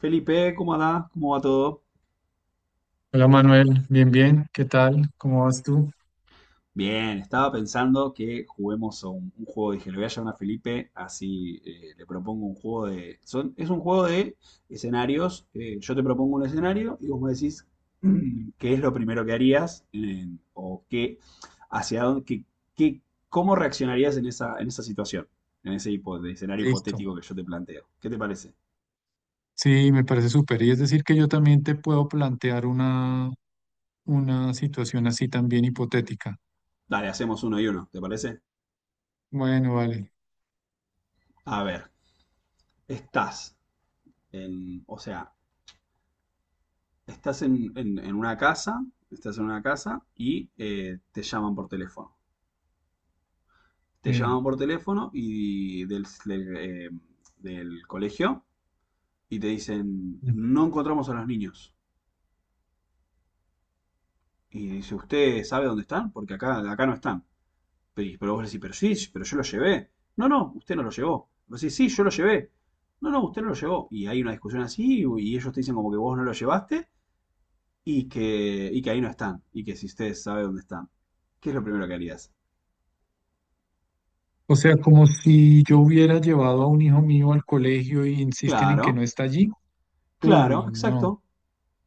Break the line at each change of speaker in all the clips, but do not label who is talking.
Felipe, ¿cómo andás? ¿Cómo va todo?
Hola Manuel, bien, bien, ¿qué tal? ¿Cómo vas tú?
Bien, estaba pensando que juguemos a un juego. Dije, le voy a llamar a Felipe, así le propongo un juego de... es un juego de escenarios. Yo te propongo un escenario y vos me decís qué es lo primero que harías o qué, hacia dónde, qué- cómo reaccionarías en esa situación, en ese de escenario
Listo.
hipotético que yo te planteo. ¿Qué te parece?
Sí, me parece súper. Y es decir que yo también te puedo plantear una situación así también hipotética.
Dale, hacemos uno y uno, ¿te parece?
Bueno, vale.
A ver, estás en, o sea, estás en, en una casa, estás en una casa y te llaman por teléfono. Te llaman
Eh,
por teléfono y del del colegio y te dicen, no encontramos a los niños. Y dice, ¿usted sabe dónde están? Porque acá no están. Pero vos le decís, pero sí, sí, pero yo los llevé. No, no, usted no los llevó. Vos decís, sí, yo los llevé. No, no, usted no los llevó. Y hay una discusión así y ellos te dicen como que vos no los llevaste y que ahí no están. Y que si usted sabe dónde están. ¿Qué es lo primero que harías?
O sea, como si yo hubiera llevado a un hijo mío al colegio y insisten en que
Claro,
no está allí.
claro,
Uy, no.
exacto.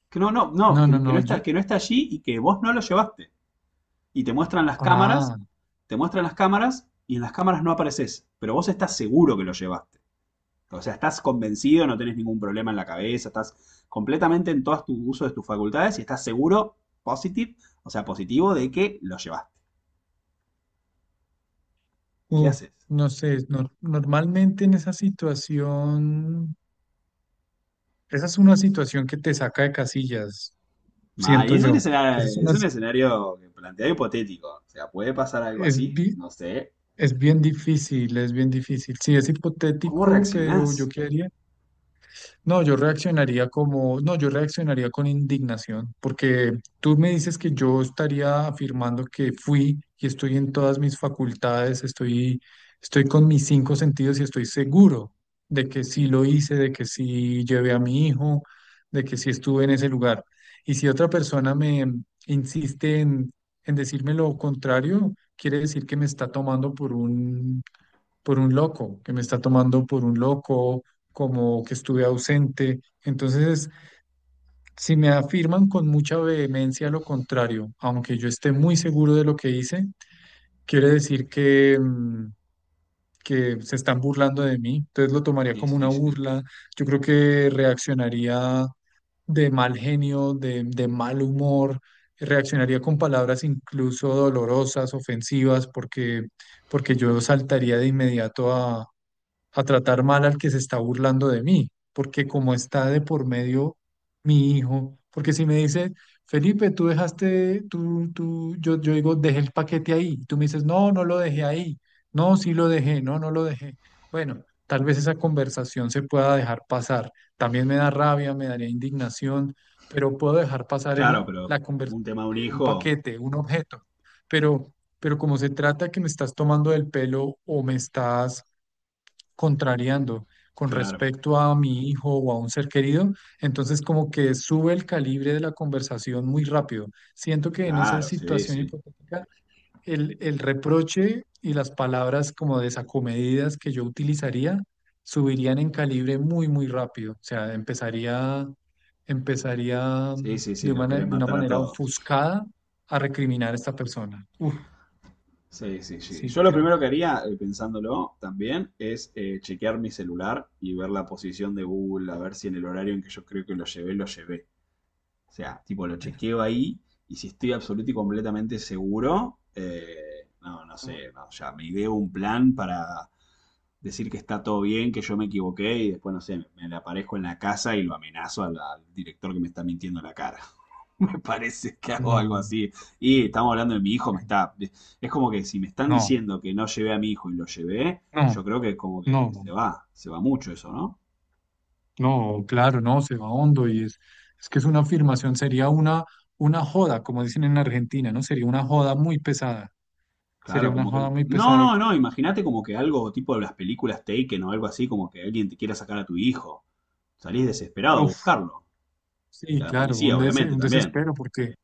Que no, no, no,
No, no,
que no
no.
está, que no está allí y que vos no lo llevaste. Y te muestran las cámaras,
Ah,
te muestran las cámaras y en las cámaras no apareces, pero vos estás seguro que lo llevaste. O sea, estás convencido, no tenés ningún problema en la cabeza, estás completamente en todo tu uso de tus facultades y estás seguro, positive, o sea, positivo de que lo llevaste. ¿Qué
uf,
haces?
no sé. Normalmente en esa situación, esa es una situación que te saca de casillas,
Mal, y
siento yo. Esa es
es
una
un escenario que plantea hipotético. O sea, puede pasar algo
Es,
así,
bi-
no sé.
Es bien difícil, es bien difícil. Sí, es
¿Cómo
hipotético, pero yo
reaccionás?
quedaría no, yo reaccionaría como, no, yo reaccionaría con indignación, porque tú me dices que yo estaría afirmando que fui y estoy en todas mis facultades, estoy con mis cinco sentidos y estoy seguro de que sí lo hice, de que sí llevé a mi hijo, de que sí estuve en ese lugar. Y si otra persona me insiste en decirme lo contrario, quiere decir que me está tomando por un loco, que me está tomando por un loco, como que estuve ausente. Entonces, si me afirman con mucha vehemencia lo contrario, aunque yo esté muy seguro de lo que hice, quiere decir que se están burlando de mí. Entonces lo tomaría
Sí,
como una
sí, sí.
burla. Yo creo que reaccionaría de mal genio, de mal humor. Reaccionaría con palabras incluso dolorosas, ofensivas, porque, porque yo saltaría de inmediato a tratar mal al que se está burlando de mí, porque como está de por medio mi hijo, porque si me dice, Felipe, tú dejaste, yo digo, dejé el paquete ahí, y tú me dices, no, no lo dejé ahí, no, sí lo dejé, no, no lo dejé. Bueno, tal vez esa conversación se pueda dejar pasar. También me da rabia, me daría indignación, pero puedo dejar pasar
Claro, pero
la conversación
un tema de un
de un
hijo,
paquete, un objeto, pero... Pero como se trata que me estás tomando del pelo o me estás contrariando con
claro,
respecto a mi hijo o a un ser querido, entonces como que sube el calibre de la conversación muy rápido. Siento que en esa
claro, sí,
situación
sí.
hipotética, el reproche y las palabras como desacomedidas que yo utilizaría subirían en calibre muy, muy rápido. O sea, empezaría
Sí, sí, sí,
de
los
una,
querés
de una
matar a
manera
todos.
ofuscada a recriminar a esta persona. Uf,
Sí, sí, sí.
sí,
Yo lo
creo.
primero que haría, pensándolo también, es chequear mi celular y ver la posición de Google, a ver si en el horario en que yo creo que lo llevé, lo llevé. O sea, tipo, lo chequeo ahí y si estoy absoluto y completamente seguro, no, no
No,
sé, no, ya me ideo un plan para decir que está todo bien, que yo me equivoqué y después, no sé, me le aparezco en la casa y lo amenazo al director que me está mintiendo en la cara. Me parece que hago
no,
algo así. Y estamos hablando de mi hijo, me está... Es como que si me están
no,
diciendo que no llevé a mi hijo y lo llevé,
no.
yo creo que como que
No.
se
No,
va, se va mucho eso, ¿no?
no, claro, no, se va hondo y es que es una afirmación, sería una joda, como dicen en Argentina, ¿no? Sería una joda muy pesada, sería
Claro,
una
como que...
joda muy
No,
pesada.
no, no, imagínate como que algo tipo de las películas Taken o algo así, como que alguien te quiera sacar a tu hijo. Salís desesperado a
Uf,
buscarlo. Y
sí,
a la
claro,
policía, obviamente,
un
también.
desespero, porque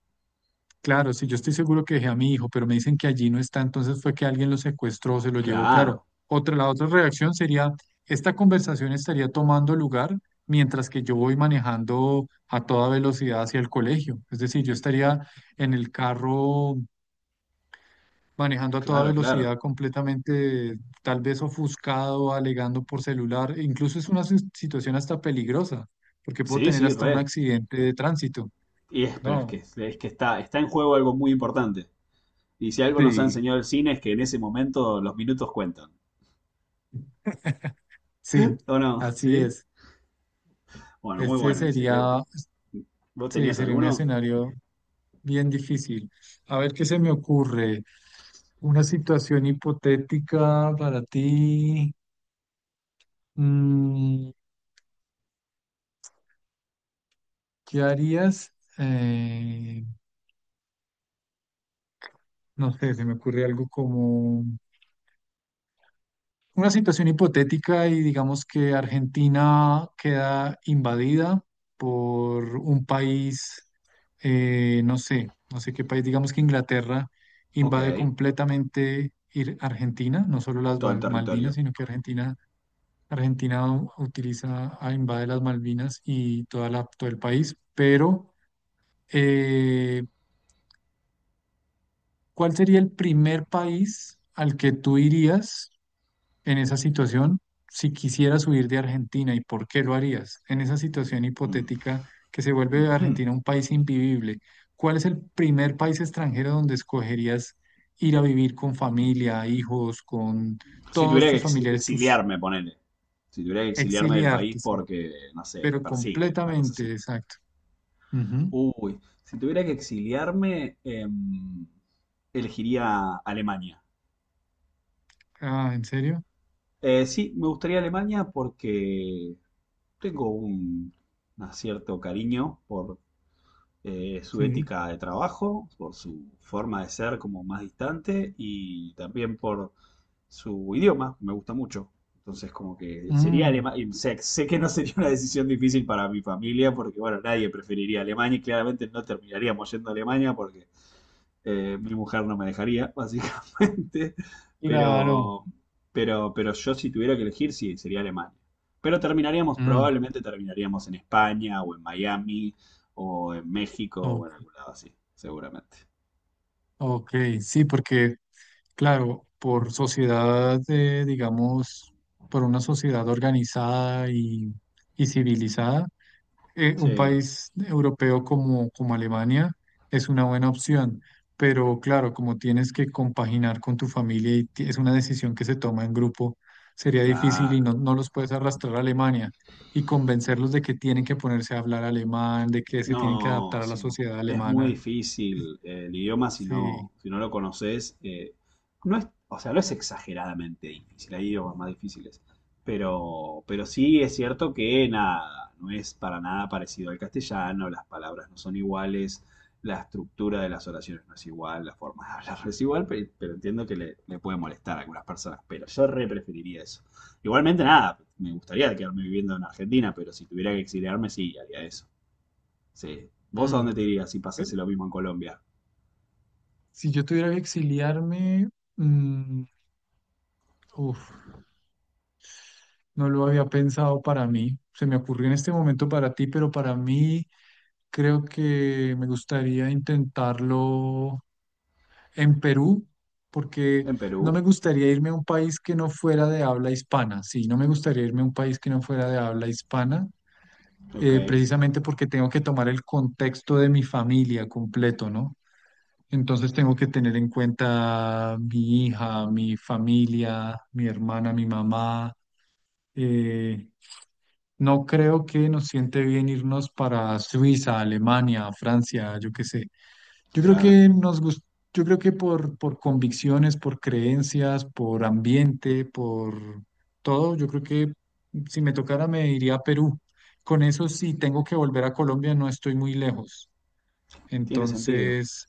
claro, si yo estoy seguro que dejé a mi hijo, pero me dicen que allí no está, entonces fue que alguien lo secuestró, se lo llevó, claro.
Claro,
Otra, la otra reacción sería, esta conversación estaría tomando lugar mientras que yo voy manejando a toda velocidad hacia el colegio, es decir, yo estaría en el carro manejando a toda
claro, claro.
velocidad, completamente tal vez ofuscado, alegando por celular. E incluso es una situación hasta peligrosa, porque puedo
Sí,
tener
sí,
hasta
re.
un accidente de tránsito.
Y es, pero
No,
es que está, está en juego algo muy importante. Y si algo nos ha
sí,
enseñado el cine es que en ese momento los minutos cuentan.
sí,
¿O no?
así
¿Sí?
es.
Bueno, muy
Este
bueno ese. ¿Qué-
sería,
¿Vos
sí,
tenías
sería un
alguno?
escenario bien difícil. A ver qué se me ocurre. Una situación hipotética para ti. Mm, ¿qué harías? No sé, se me ocurre algo como... una situación hipotética y digamos que Argentina queda invadida por un país, no sé, no sé qué país, digamos que Inglaterra
Ok.
invade completamente Argentina, no solo las
Todo el
Malvinas,
territorio.
sino que Argentina, Argentina utiliza, ah, invade las Malvinas y toda la, todo el país, pero eh, ¿cuál sería el primer país al que tú irías? En esa situación, si quisieras huir de Argentina, ¿y por qué lo harías? En esa situación
Mm.
hipotética que se vuelve
Ujú.
Argentina un país invivible, ¿cuál es el primer país extranjero donde escogerías ir a vivir con familia, hijos, con
Si
todos
tuviera que
tus familiares, tus
exiliarme, ponele. Si tuviera que exiliarme del país
exiliarte, sí,
porque, no sé, me
pero
persiguen, una cosa
completamente,
así.
exacto. Ujú.
Uy, si tuviera que exiliarme, elegiría Alemania.
Ah, ¿en serio?
Sí, me gustaría Alemania porque tengo un cierto cariño por su
Sí.
ética de trabajo, por su forma de ser como más distante y también por su idioma, me gusta mucho. Entonces, como que sería
Mm,
Alemania. Sé, sé que no sería una decisión difícil para mi familia porque, bueno, nadie preferiría Alemania y claramente no terminaríamos yendo a Alemania porque mi mujer no me dejaría, básicamente.
claro.
Pero, pero yo si tuviera que elegir, sí, sería Alemania. Pero terminaríamos,
Mm,
probablemente terminaríamos en España o en Miami o en México
o-
o en algún lado así, seguramente.
ok, sí, porque claro, por sociedad, digamos, por una sociedad organizada y civilizada, un
Sí,
país europeo como, como Alemania es una buena opción, pero claro, como tienes que compaginar con tu familia y es una decisión que se toma en grupo, sería difícil y
claro.
no, no los puedes arrastrar a Alemania y convencerlos de que tienen que ponerse a hablar alemán, de que se tienen que
No,
adaptar a la
sí,
sociedad
es muy
alemana.
difícil el idioma si
Sí.
no, si no lo conoces. No es, o sea, no es exageradamente difícil, hay idiomas más difíciles. Pero sí es cierto que nada, no es para nada parecido al castellano, las palabras no son iguales, la estructura de las oraciones no es igual, la forma de hablar no es igual, pero, entiendo que le puede molestar a algunas personas, pero yo re preferiría eso. Igualmente nada, me gustaría quedarme viviendo en Argentina, pero si tuviera que exiliarme, sí, haría eso. Sí. ¿Vos a
Mm.
dónde te irías si pasase lo mismo en Colombia?
Si yo tuviera que exiliarme, mm, uf, no lo había pensado para mí. Se me ocurrió en este momento para ti, pero para mí creo que me gustaría intentarlo en Perú, porque
En
no me
Perú.
gustaría irme a un país que no fuera de habla hispana. Sí, no me gustaría irme a un país que no fuera de habla hispana,
Ok,
precisamente porque tengo que tomar el contexto de mi familia completo, ¿no? Entonces tengo que tener en cuenta mi hija, mi familia, mi hermana, mi mamá. Eh, no creo que nos siente bien irnos para Suiza, Alemania, Francia, yo qué sé. Yo creo
claro.
que nos gus- yo creo que por convicciones, por creencias, por ambiente, por todo, yo creo que si me tocara me iría a Perú. Con eso, si tengo que volver a Colombia, no estoy muy lejos.
Tiene sentido.
Entonces...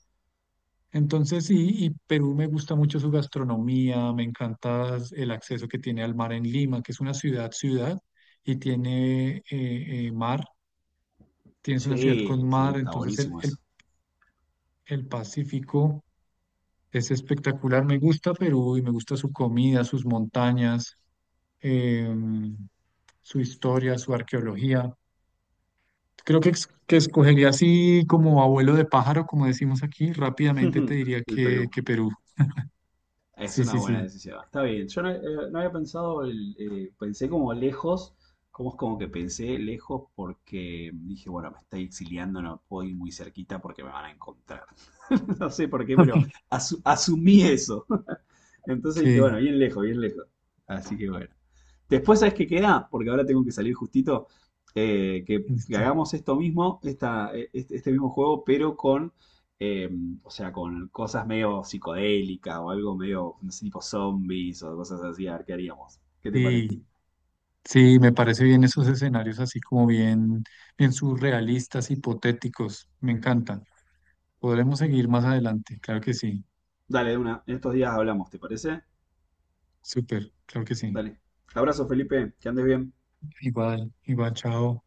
Entonces sí, y Perú me gusta mucho su gastronomía, me encanta el acceso que tiene al mar en Lima, que es una ciudad, y tiene mar, tienes una ciudad
Sí,
con
sí,
mar,
está
entonces
buenísimo eso.
el Pacífico es espectacular, me gusta Perú y me gusta su comida, sus montañas, em, su historia, su arqueología. Creo que escogería así como abuelo de pájaro, como decimos aquí, rápidamente te diría
El Perú.
que Perú.
Es
Sí,
una
sí,
buena
sí,
decisión. Está bien. Yo no, no había pensado, pensé como lejos, como es como que pensé lejos porque dije, bueno, me estoy exiliando, no puedo ir muy cerquita porque me van a encontrar. No sé por qué, pero asumí eso. Entonces dije, bueno,
sí.
bien lejos, bien lejos. Así que bueno. Después, ¿sabes qué queda? Porque ahora tengo que salir justito. Que
Listo.
hagamos esto mismo, este mismo juego, pero eh, o sea, con cosas medio psicodélicas o algo medio, no sé, tipo zombies o cosas así. A ver qué haríamos. ¿Qué te parece?
Sí, sí, me parece bien esos escenarios así como bien, bien surrealistas, hipotéticos, me encantan. Podremos seguir más adelante, claro que sí,
Dale, de una. En estos días hablamos, ¿te parece?
súper, claro que sí.
Dale. Abrazo, Felipe. Que andes bien.
Igual, igual, chao.